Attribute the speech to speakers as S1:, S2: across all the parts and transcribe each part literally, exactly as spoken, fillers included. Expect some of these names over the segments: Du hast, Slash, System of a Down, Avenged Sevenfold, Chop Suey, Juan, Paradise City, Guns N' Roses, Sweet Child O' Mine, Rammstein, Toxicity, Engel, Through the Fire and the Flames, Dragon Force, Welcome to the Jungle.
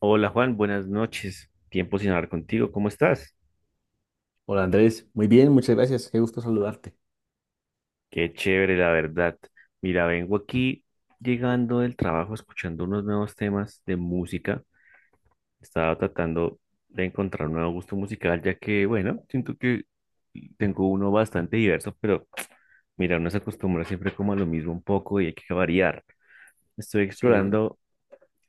S1: Hola Juan, buenas noches. Tiempo sin hablar contigo. ¿Cómo estás?
S2: Hola Andrés, muy bien, muchas gracias, qué gusto saludarte.
S1: Qué chévere, la verdad. Mira, vengo aquí llegando del trabajo escuchando unos nuevos temas de música. Estaba tratando de encontrar un nuevo gusto musical, ya que, bueno, siento que tengo uno bastante diverso, pero mira, uno se acostumbra siempre como a lo mismo un poco y hay que variar. Estoy
S2: Sí,
S1: explorando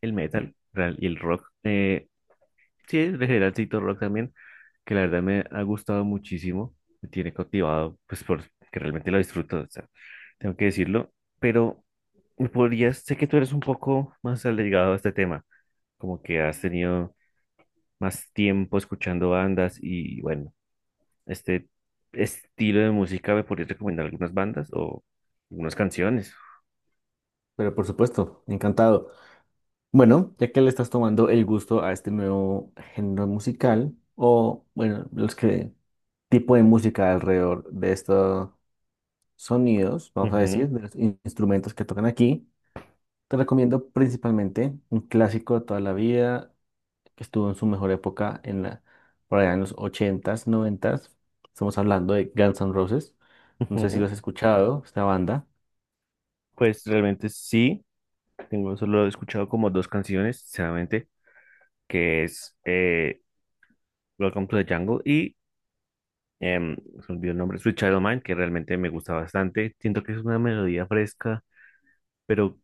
S1: el metal real- y el rock. Eh, sí, en general sí, Rock también, que la verdad me ha gustado muchísimo, me tiene cautivado, pues porque realmente lo disfruto, o sea, tengo que decirlo, pero me podrías, sé que tú eres un poco más allegado a este tema, como que has tenido más tiempo escuchando bandas y bueno, este estilo de música, ¿me podrías recomendar algunas bandas o algunas canciones?
S2: pero por supuesto, encantado. Bueno, ya que le estás tomando el gusto a este nuevo género musical, o bueno, los que tipo de música alrededor de estos sonidos, vamos a
S1: Ujú,
S2: decir, de los in- instrumentos que tocan aquí, te recomiendo principalmente un clásico de toda la vida que estuvo en su mejor época en la, por allá en los ochentas, noventas. Estamos hablando de Guns N' Roses. No sé si lo
S1: ujú.
S2: has escuchado, esta banda.
S1: Pues realmente sí, tengo solo he escuchado como dos canciones, sinceramente, que es Welcome to the Jungle y em, se me olvidó el nombre, Sweet Child O' Mine, que realmente me gusta bastante. Siento que es una melodía fresca, pero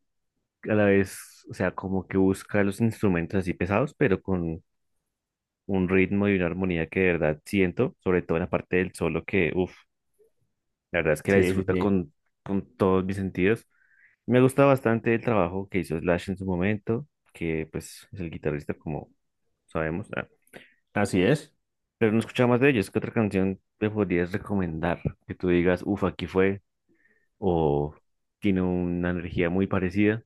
S1: a la vez, o sea, como que busca los instrumentos así pesados, pero con un ritmo y una armonía que de verdad siento, sobre todo en la parte del solo, que uff, la verdad es que la
S2: Sí, sí,
S1: disfruta
S2: sí.
S1: con, con todos mis sentidos. Me gusta bastante el trabajo que hizo Slash en su momento, que pues es el guitarrista, como sabemos. ah,
S2: Así es.
S1: Pero no escuchaba más de ellos. ¿Qué otra canción te podrías recomendar? Que tú digas, uff, aquí fue. O tiene una energía muy parecida.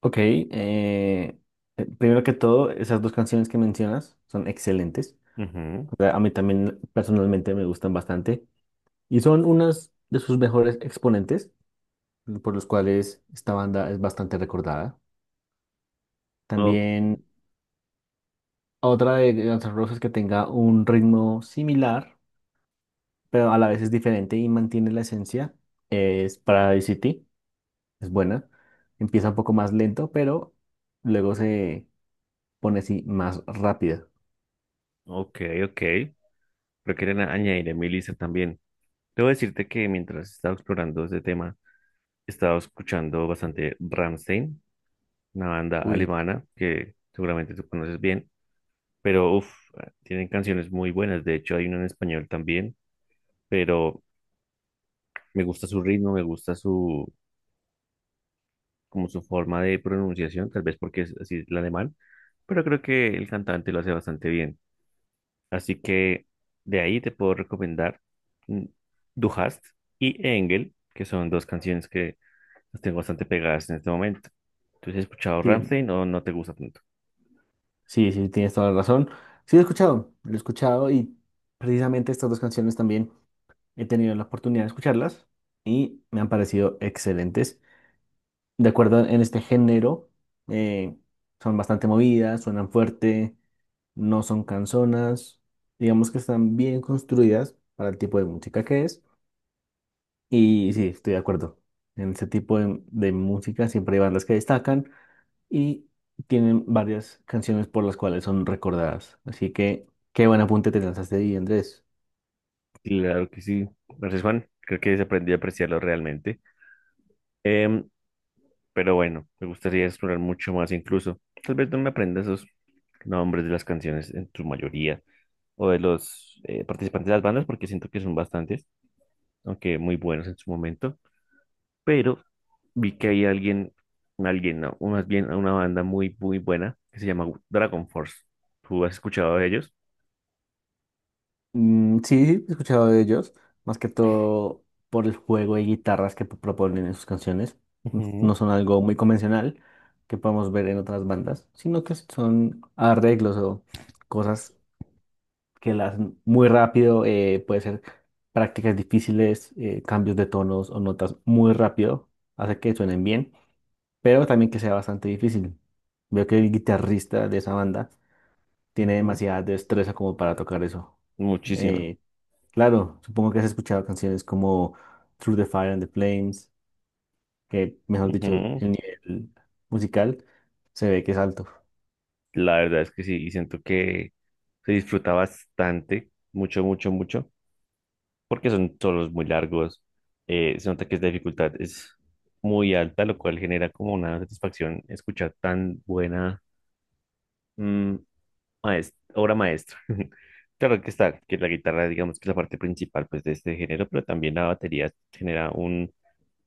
S2: Ok. eh, eh, primero que todo, esas dos canciones que mencionas son excelentes.
S1: Ujú.
S2: O sea, a mí también personalmente me gustan bastante. Y son unas de sus mejores exponentes, por los cuales esta banda es bastante recordada.
S1: O-
S2: También otra de Guns N' Roses que tenga un ritmo similar, pero a la vez es diferente y mantiene la esencia, es Paradise City. Es buena. Empieza un poco más lento, pero luego se pone así más rápida.
S1: ok, ok. Pero quieren añadir a mi lista también. Debo decirte que mientras estaba explorando este tema, estaba escuchando bastante Rammstein, una banda
S2: Uy,
S1: alemana que seguramente tú conoces bien. Pero uff, tienen canciones muy buenas. De hecho, hay una en español también. Pero me gusta su ritmo, me gusta su como su forma de pronunciación, tal vez porque es así el alemán, pero creo que el cantante lo hace bastante bien. Así que de ahí te puedo recomendar mm, Du hast y Engel, que son dos canciones que las tengo bastante pegadas en este momento. ¿Tú has escuchado
S2: tien-
S1: Rammstein o no te gusta tanto?
S2: sí, sí, tienes toda la razón. Sí, lo he escuchado, lo he escuchado y precisamente estas dos canciones también he tenido la oportunidad de escucharlas y me han parecido excelentes. De acuerdo en este género, eh, son bastante movidas, suenan fuerte, no son canzonas, digamos que están bien construidas para el tipo de música que es. Y sí, estoy de acuerdo. En este tipo de, de música siempre hay bandas que destacan y tienen varias canciones por las cuales son recordadas. Así que qué buen apunte te lanzaste ahí, Andrés.
S1: Claro que sí. Gracias, Juan. Creo que se aprendió a apreciarlo realmente. Em, pero bueno, me gustaría explorar mucho más incluso. Tal vez no me aprenda esos nombres de las canciones en su mayoría, o de los eh, participantes de las bandas, porque siento que son bastantes, aunque muy buenos en su momento, pero vi que hay alguien, alguien, no, o más bien una banda muy, muy buena que se llama Dragon Force. ¿Tú has escuchado de ellos?
S2: Mm, sí, sí, he escuchado de ellos, más que todo por el juego de guitarras que proponen en sus canciones. N-
S1: Ujú,
S2: No son algo muy convencional que podemos ver en otras bandas, sino que son arreglos o cosas que las hacen muy rápido, eh, puede ser prácticas difíciles, eh, cambios de tonos o notas muy rápido, hace que suenen bien. Pero también que sea bastante difícil. Veo que el guitarrista de esa banda tiene
S1: ujú.
S2: demasiada destreza como para tocar eso.
S1: Muchísima.
S2: Eh, claro, supongo que has escuchado canciones como Through the Fire and the Flames, que mejor dicho,
S1: Ujú.
S2: el nivel musical se ve que es alto.
S1: La verdad es que sí, y siento que se disfruta bastante, mucho, mucho, mucho, porque son solos muy largos, eh, se nota que la dificultad es muy alta, lo cual genera como una satisfacción escuchar tan buena. Mm. Maes- obra maestra. Claro que está, que la guitarra, digamos que es la parte principal pues, de este género, pero también la batería genera un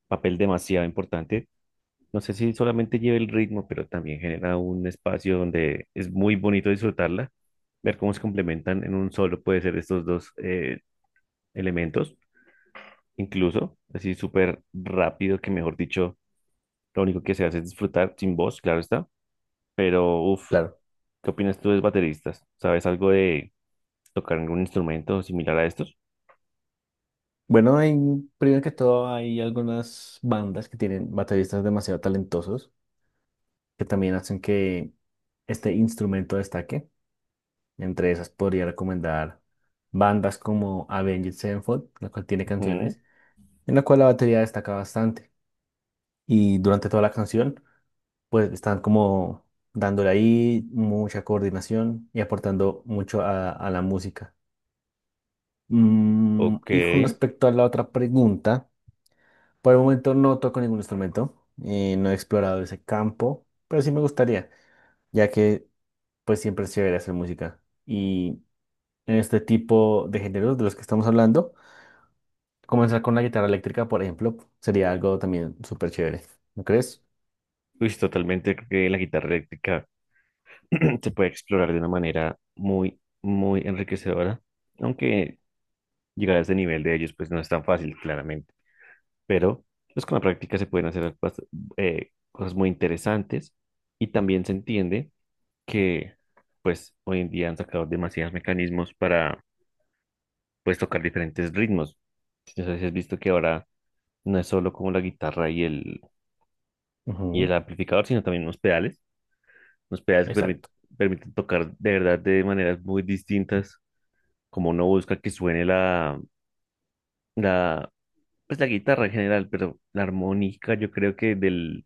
S1: papel demasiado importante. No sé si solamente lleva el ritmo, pero también genera un espacio donde es muy bonito disfrutarla, ver cómo se complementan en un solo, puede ser estos dos eh, elementos, incluso así súper rápido, que mejor dicho, lo único que se hace es disfrutar sin voz, claro está, pero uff,
S2: Claro.
S1: ¿qué opinas tú de los bateristas? ¿Sabes algo de tocar algún instrumento similar a estos?
S2: Bueno, hay- primero que todo hay algunas bandas que tienen bateristas demasiado talentosos que también hacen que este instrumento destaque. Entre esas podría recomendar bandas como Avenged Sevenfold, la cual tiene
S1: Ujú.
S2: canciones, en la cual la batería destaca bastante. Y durante toda la canción, pues están como dándole ahí mucha coordinación y aportando mucho a, a la música. Mm,
S1: Ok.
S2: y con respecto a la otra pregunta, por el momento no toco ningún instrumento, eh, no he explorado ese campo, pero sí me gustaría, ya que pues siempre es chévere hacer música. Y en este tipo de géneros de los que estamos hablando, comenzar con la guitarra eléctrica, por ejemplo, sería algo también súper chévere, ¿no crees?
S1: Pues totalmente creo que la guitarra eléctrica se puede explorar de una manera muy, muy enriquecedora. Aunque llegar a ese nivel de ellos, pues no es tan fácil, claramente. Pero pues con la práctica se pueden hacer bast- eh, cosas muy interesantes. Y también se entiende que, pues hoy en día han sacado demasiados mecanismos para, pues, tocar diferentes ritmos. No sé si has visto que ahora no es solo como la guitarra y el y
S2: Ujú,
S1: el amplificador, sino también unos pedales, unos pedales que permit-
S2: exacto,
S1: permiten tocar de verdad de maneras muy distintas, como uno busca que suene la, la, pues la guitarra en general, pero la armónica yo creo que del,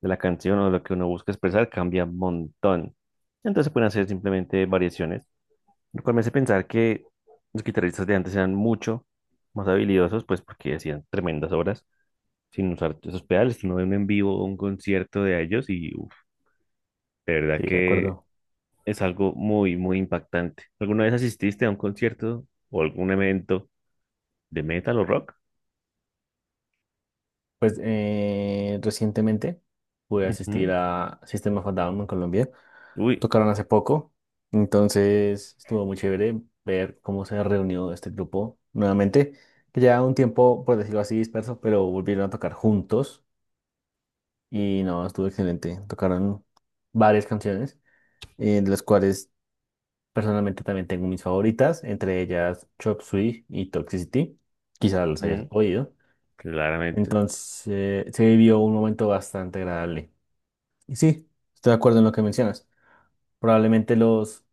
S1: de la canción o lo que uno busca expresar cambia un montón. Entonces se pueden hacer simplemente variaciones, lo cual me hace pensar que los guitarristas de antes eran mucho más habilidosos, pues porque hacían tremendas obras sin usar esos pedales. Uno ve un en vivo, un concierto de ellos y uf, de verdad
S2: sí, de
S1: que
S2: acuerdo.
S1: es algo muy, muy impactante. ¿Alguna vez asististe a un concierto o algún evento de metal o rock?
S2: Pues eh, recientemente pude asistir
S1: Ujú.
S2: a System of a Down en Colombia.
S1: Uy,
S2: Tocaron hace poco, entonces estuvo muy chévere ver cómo se reunió este grupo nuevamente, que ya un tiempo, por decirlo así, disperso, pero volvieron a tocar juntos y no, estuvo excelente. Tocaron varias canciones, eh, de las cuales personalmente también tengo mis favoritas, entre ellas Chop Suey y Toxicity. Quizás las hayas
S1: ujú,
S2: oído.
S1: claramente.
S2: Entonces, eh, se vivió un momento bastante agradable. Y sí, estoy de acuerdo en lo que mencionas. Probablemente los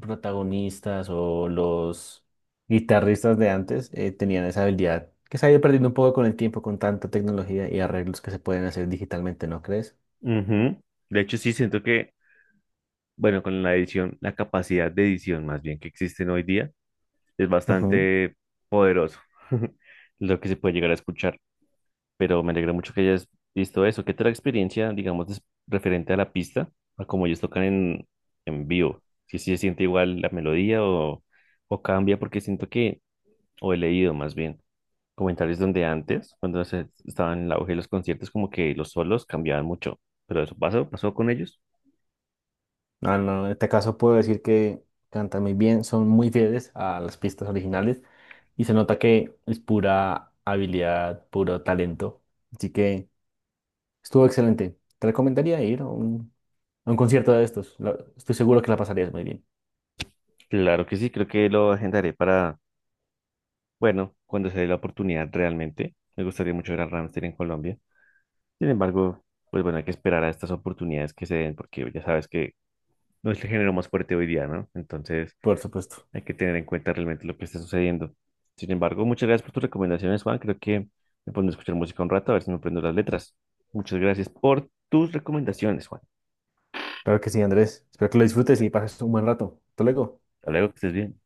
S2: protagonistas o los guitarristas de antes eh, tenían esa habilidad que se ha ido perdiendo un poco con el tiempo, con tanta tecnología y arreglos que se pueden hacer digitalmente, ¿no crees?
S1: Ujú. De hecho, sí siento que, bueno, con la edición, la capacidad de edición más bien que existen hoy día, es
S2: Ujú.
S1: bastante poderoso lo que se puede llegar a escuchar. Pero me alegra mucho que hayas visto eso. ¿Qué tal la experiencia, digamos, des- referente a la pista, a cómo ellos tocan en, en vivo? Si se siente igual la melodía o, o cambia, porque siento que, o he leído más bien, comentarios donde antes, cuando se estaban en el auge de los conciertos, como que los solos cambiaban mucho, pero eso pasó, pasó con ellos.
S2: No, no, en este caso puedo decir que cantan muy bien, son muy fieles a las pistas originales y se nota que es pura habilidad, puro talento. Así que estuvo excelente. Te recomendaría ir a un, a un concierto de estos. La- estoy seguro que la pasarías muy bien,
S1: Claro que sí, creo que lo agendaré para bueno, cuando se dé la oportunidad realmente, me gustaría mucho ver a Ramstein en Colombia. Sin embargo, pues bueno, hay que esperar a estas oportunidades que se den porque ya sabes que no es el género más fuerte hoy día, ¿no? Entonces
S2: por supuesto.
S1: hay que tener en cuenta realmente lo que está sucediendo. Sin embargo, muchas gracias por tus recomendaciones, Juan. Creo que me pondré a escuchar música un rato a ver si me aprendo las letras. Muchas gracias por tus recomendaciones, Juan.
S2: Claro que sí, Andrés. Espero que lo disfrutes y pases un buen rato. Hasta luego.
S1: Hasta luego, que estés bien.